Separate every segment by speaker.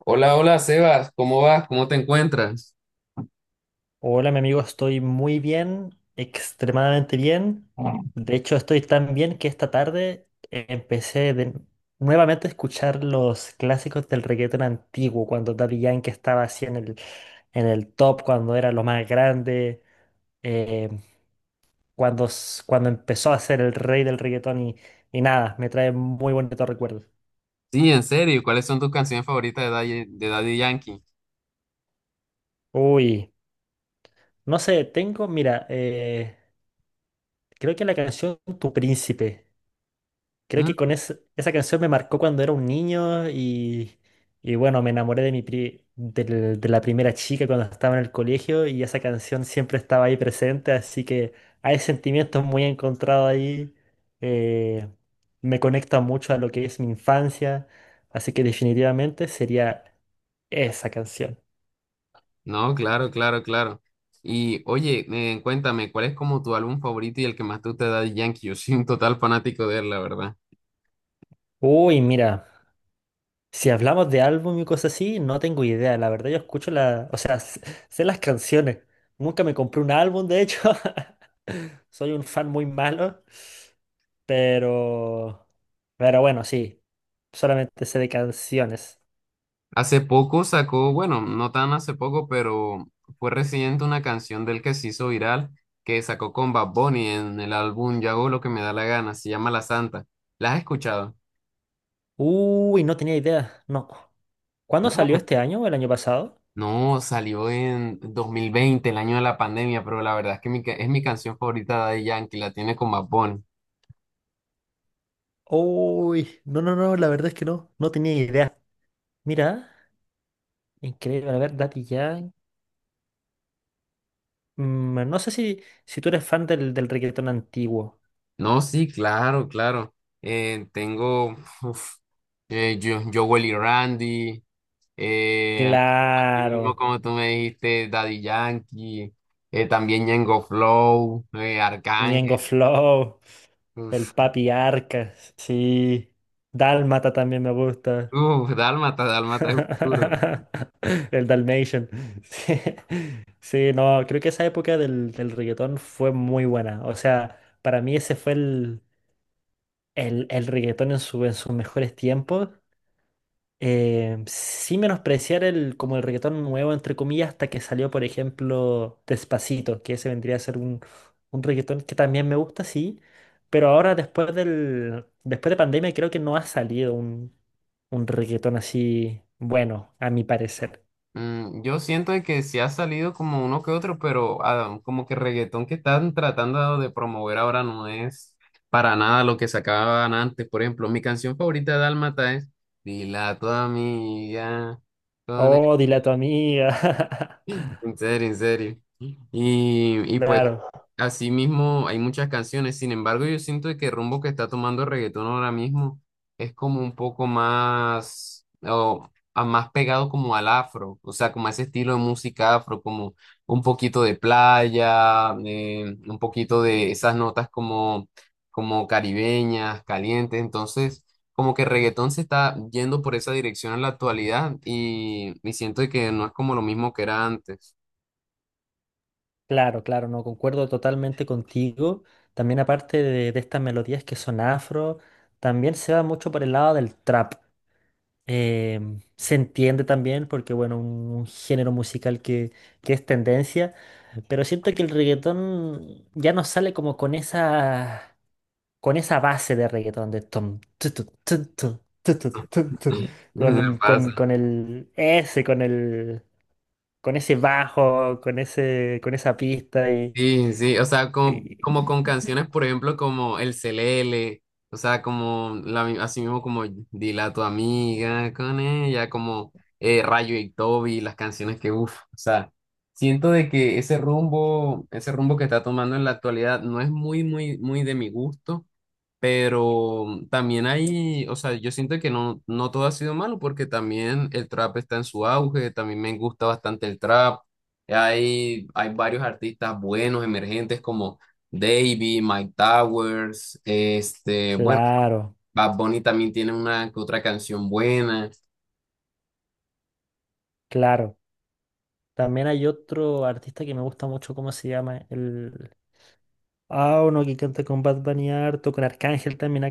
Speaker 1: Hola, hola Sebas, ¿cómo vas? ¿Cómo te encuentras?
Speaker 2: Hola, mi amigo, estoy muy bien, extremadamente bien. De hecho, estoy tan bien que esta tarde eh, empecé de- nuevamente a escuchar los clásicos del reggaetón antiguo, cuando Daddy Yankee estaba así en el top, cuando era lo más grande, eh, cuando empezó a ser el rey del reggaetón y nada, me trae muy bonitos recuerdos.
Speaker 1: Sí, en serio, ¿cuáles son tus canciones favoritas de Daddy Yankee?
Speaker 2: Uy, no sé, tengo, mira, creo que la canción Tu Príncipe. Creo
Speaker 1: ¿Mm?
Speaker 2: que esa canción me marcó cuando era un niño y bueno, me enamoré de la primera chica cuando estaba en el colegio y esa canción siempre estaba ahí presente, así que hay sentimientos muy encontrados ahí. eh, Me conecta mucho a lo que es mi infancia, así que definitivamente sería esa canción.
Speaker 1: No, claro, claro, claro. Y oye, cuéntame, ¿cuál es como tu álbum favorito y el que más te gusta de Daddy Yankee? Yo soy un total fanático de él, la verdad.
Speaker 2: Uy, mira. Si hablamos de álbum y cosas así, no tengo idea. La verdad, yo o sea, sé las canciones. Nunca me compré un álbum, de hecho. Soy un fan muy malo, pero, pero bueno, sí. Solamente sé de canciones.
Speaker 1: Hace poco sacó, bueno, no tan hace poco, pero fue reciente una canción del que se hizo viral, que sacó con Bad Bunny en el álbum Yo hago lo que me da la gana, se llama La Santa. ¿La has escuchado?
Speaker 2: Uy, no tenía idea. No. ¿Cuándo salió
Speaker 1: No.
Speaker 2: este año o el año pasado?
Speaker 1: No, salió en 2020, el año de la pandemia, pero la verdad es que es mi canción favorita de Daddy Yankee, la tiene con Bad Bunny.
Speaker 2: Uy, no, no, no, la verdad es que no, no tenía idea. Mira, increíble. A ver, Daddy Yankee. Mm, no sé si tú eres fan del reggaetón antiguo.
Speaker 1: No, sí, claro, claro. Tengo uf, yo, Jowell y Randy, eh, así
Speaker 2: Claro,
Speaker 1: mismo como tú me dijiste, Daddy Yankee, también Ñengo Flow, Arcángel,
Speaker 2: Ñengo Flow, el
Speaker 1: uf,
Speaker 2: Papi Arca, sí. Dálmata también me gusta.
Speaker 1: uf, Dálmata, Dálmata es un duro.
Speaker 2: El Dalmatian. Sí. Sí, no, creo que esa época del reggaetón fue muy buena. O sea, para mí ese fue el reggaetón en sus mejores tiempos. Sin menospreciar el, como el reggaetón nuevo, entre comillas, hasta que salió, por ejemplo, Despacito, que ese vendría a ser un reggaetón que también me gusta, sí, pero ahora después de pandemia creo que no ha salido un reggaetón así bueno, a mi parecer.
Speaker 1: Mm, yo siento de que sí ha salido como uno que otro, pero como que reggaetón que están tratando de promover ahora no es para nada lo que sacaban antes. Por ejemplo, mi canción favorita de Dálmata es Dila a tu amiga, con
Speaker 2: Oh, dile a tu amiga.
Speaker 1: en serio, en serio. Y pues,
Speaker 2: Claro,
Speaker 1: así mismo hay muchas canciones. Sin embargo, yo siento que el rumbo que está tomando el reggaetón ahora mismo es como un poco más, o, más pegado como al afro, o sea, como a ese estilo de música afro, como un poquito de playa, un poquito de esas notas como, como caribeñas, calientes. Entonces, como que el reggaetón se está yendo por esa dirección en la actualidad y siento que no es como lo mismo que era antes.
Speaker 2: claro, claro, no concuerdo totalmente contigo. También aparte de estas melodías que son afro, también se va mucho por el lado del trap. Eh, Se entiende también porque, bueno, un género musical que es tendencia, pero siento que el reggaetón ya no sale como con esa base de reggaetón de tom, tu,
Speaker 1: Me pasa.
Speaker 2: con el ese, con ese bajo, con ese, con esa pista
Speaker 1: Sí, sí, o sea, como,
Speaker 2: y-
Speaker 1: como con canciones, por ejemplo, como El Celele, o sea, como la, así mismo como Dile a tu amiga con ella, como Rayo y Toby, las canciones que, uff, o sea, siento de que ese rumbo que está tomando en la actualidad no es muy, muy, muy de mi gusto. Pero mm, también hay, o sea, yo siento que no, no todo ha sido malo porque también el trap está en su auge, también me gusta bastante el trap. Hay varios artistas buenos, emergentes como Davey, Mike Towers, este, bueno,
Speaker 2: claro,
Speaker 1: Bad Bunny también tiene una que otra canción buena.
Speaker 2: claro. También hay otro artista que me gusta mucho, ¿cómo se llama? Ah, uno que canta con Bad Bunny harto, con Arcángel también ha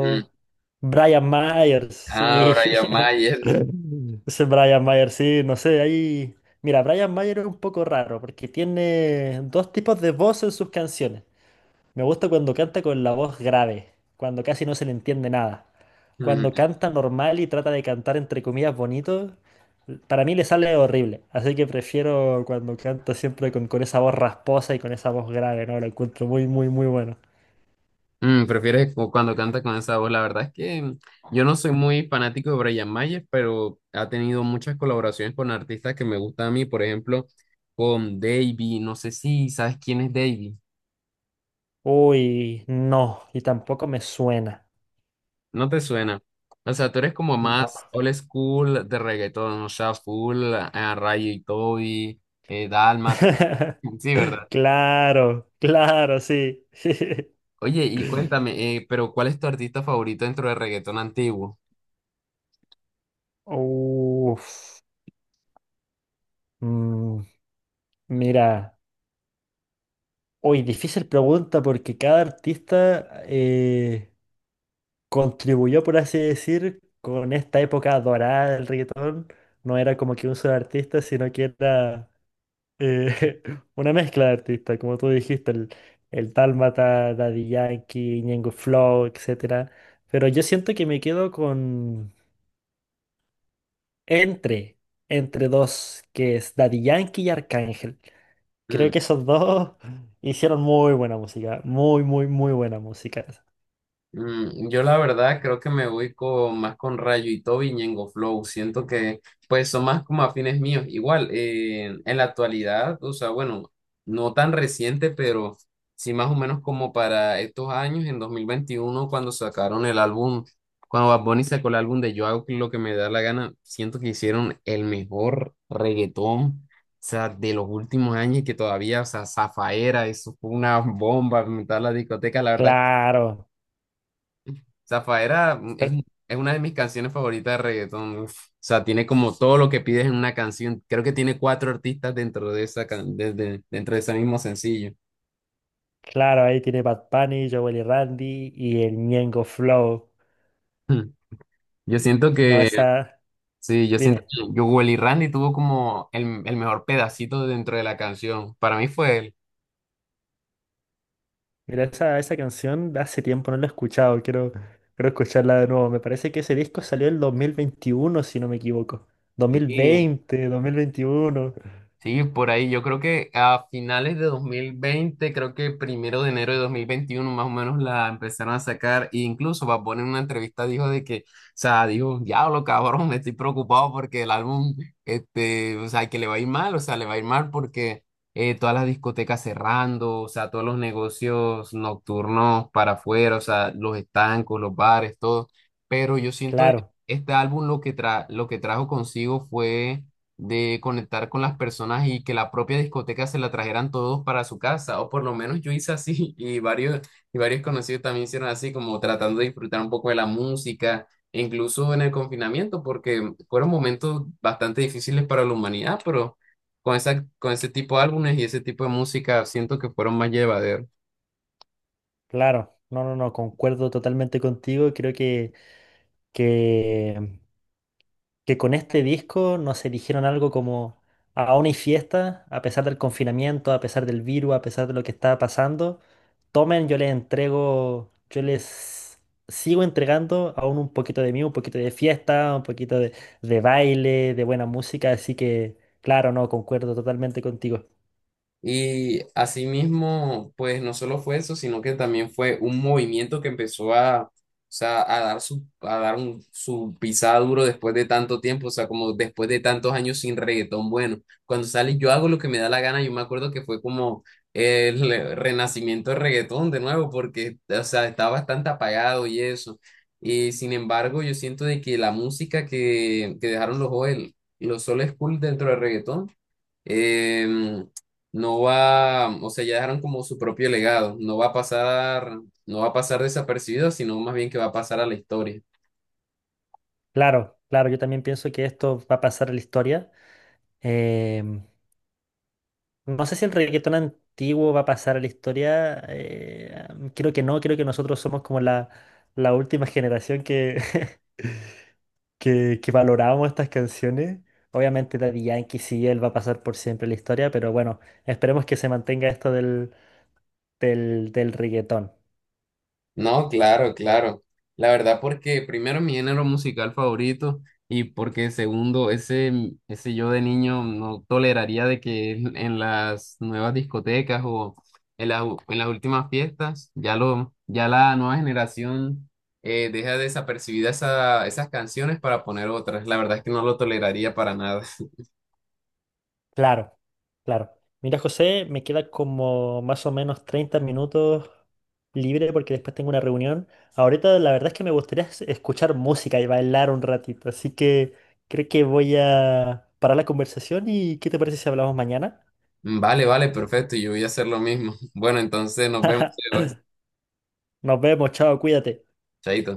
Speaker 1: Mm.
Speaker 2: Brian Myers,
Speaker 1: Ah,
Speaker 2: sí.
Speaker 1: Brian Mayer.
Speaker 2: Ese Brian Myers, sí, no sé, ahí. Mira, Brian Myers es un poco raro porque tiene dos tipos de voz en sus canciones. Me gusta cuando canta con la voz grave, cuando casi no se le entiende nada. Cuando canta normal y trata de cantar entre comillas bonito, para mí le sale horrible. Así que prefiero cuando canta siempre con esa voz rasposa y con esa voz grave, ¿no? Lo encuentro muy, muy, muy bueno.
Speaker 1: Mm, prefieres cuando canta con esa voz. La verdad es que mm, yo no soy muy fanático de Brian Mayer, pero ha tenido muchas colaboraciones con artistas que me gustan a mí, por ejemplo, con Davey. No sé si sabes quién es Davey.
Speaker 2: Uy, no, y tampoco me suena.
Speaker 1: No te suena. O sea, tú eres como más
Speaker 2: No.
Speaker 1: old school de reggaetón, o sea, full a Rayo y Toby, Dálmata. Sí, ¿verdad?
Speaker 2: Claro, claro, sí.
Speaker 1: Oye, y cuéntame, pero ¿cuál es tu artista favorito dentro del reggaetón antiguo?
Speaker 2: Uf. Mm, mira, hoy difícil pregunta porque cada artista contribuyó, por así decir, con esta época dorada del reggaetón. No era como que un solo artista, sino que era. Eh, una mezcla de artistas, como tú dijiste, el Dálmata, Daddy Yankee, Ñengo Flow, etcétera. Pero yo siento que me quedo con entre, entre dos, que es Daddy Yankee y Arcángel. Creo
Speaker 1: Mm.
Speaker 2: que esos dos hicieron muy buena música, muy, muy, muy buena música.
Speaker 1: Mm, yo la verdad creo que me voy con, más con Rayo y Toby y Ñengo Flow. Siento que pues son más como afines míos. Igual, en la actualidad, o sea, bueno, no tan reciente, pero sí más o menos como para estos años, en 2021 cuando sacaron el álbum, cuando Bad Bunny sacó el álbum de Yo hago lo que me da la gana, siento que hicieron el mejor reggaetón. O sea, de los últimos años y que todavía, o sea, Zafaera, eso fue una bomba, meter la discoteca, la verdad
Speaker 2: Claro,
Speaker 1: Zafaera mm,
Speaker 2: per-
Speaker 1: es una de mis canciones favoritas de reggaetón. Uf. O sea, tiene como todo lo que pides en una canción. Creo que tiene cuatro artistas dentro de esa dentro de ese mismo sencillo.
Speaker 2: claro, ahí tiene Bad Bunny, Jowell y Randy y el Ñengo Flow.
Speaker 1: Hmm. Yo siento
Speaker 2: No,
Speaker 1: que,
Speaker 2: esa,
Speaker 1: sí, yo siento
Speaker 2: dime.
Speaker 1: que Jowell y Randy tuvo como el mejor pedacito dentro de la canción. Para mí fue él.
Speaker 2: Mira, esa canción de hace tiempo no la he escuchado, quiero escucharla de nuevo. Me parece que ese disco salió en 2021 si no me equivoco. Dos mil
Speaker 1: Sí.
Speaker 2: veinte 2021.
Speaker 1: Sí, por ahí. Yo creo que a finales de 2020, creo que primero de enero de 2021, más o menos la empezaron a sacar. E incluso Bad Bunny en una entrevista dijo de que, o sea, dijo, diablo, cabrón, me estoy preocupado porque el álbum, este, o sea, que le va a ir mal, o sea, le va a ir mal porque todas las discotecas cerrando, o sea, todos los negocios nocturnos para afuera, o sea, los estancos, los bares, todo. Pero yo siento de que
Speaker 2: Claro,
Speaker 1: este álbum lo que trajo consigo fue de conectar con las personas y que la propia discoteca se la trajeran todos para su casa, o por lo menos yo hice así y varios conocidos también hicieron así, como tratando de disfrutar un poco de la música, e incluso en el confinamiento, porque fueron momentos bastante difíciles para la humanidad, pero con esa, con ese tipo de álbumes y ese tipo de música siento que fueron más llevaderos.
Speaker 2: claro. No, no, no, concuerdo totalmente contigo. Creo que que con este disco nos eligieron algo como aún hay fiesta, a pesar del confinamiento, a pesar del virus, a pesar de lo que está pasando. Tomen, yo les entrego, yo les sigo entregando aún un poquito de mí, un poquito de fiesta, un poquito de baile, de buena música, así que claro, no, concuerdo totalmente contigo.
Speaker 1: Y asimismo, pues no solo fue eso, sino que también fue un movimiento que empezó o sea, a dar su, a dar su pisada duro después de tanto tiempo, o sea, como después de tantos años sin reggaetón bueno. Cuando sale Yo hago lo que me da la gana, yo me acuerdo que fue como el renacimiento del reggaetón de nuevo, porque, o sea, está bastante apagado y eso. Y sin embargo, yo siento de que la música que dejaron los Joel los Soul School dentro del reggaetón, em, no va, o sea, ya dejaron como su propio legado, no va a pasar, no va a pasar desapercibido, sino más bien que va a pasar a la historia.
Speaker 2: Claro, claro, yo también pienso que esto va a pasar a la historia. Em, no sé si el reggaetón antiguo va a pasar a la historia. Creo que no, creo que nosotros somos como la última generación que, que valoramos estas canciones. Obviamente Daddy Yankee sí, él va a pasar por siempre a la historia, pero bueno, esperemos que se mantenga esto del reggaetón.
Speaker 1: No, claro, claro. La verdad porque primero mi género musical favorito y porque segundo, ese yo de niño no toleraría de que en las nuevas discotecas o en las, en las últimas fiestas ya la nueva generación deja desapercibida esas canciones para poner otras. La verdad es que no lo toleraría para nada.
Speaker 2: Claro, claro. Mira, José, me queda como más o menos 30 minutos libre porque después tengo una reunión. Ahorita la verdad es que me gustaría escuchar música y bailar un ratito, así que creo que voy a parar la conversación y ¿qué te parece si hablamos mañana?
Speaker 1: Mm, vale, vale, perfecto. Yo voy a hacer lo mismo. Bueno, entonces nos vemos, Sebas.
Speaker 2: Nos vemos, chao, cuídate.
Speaker 1: Chaito.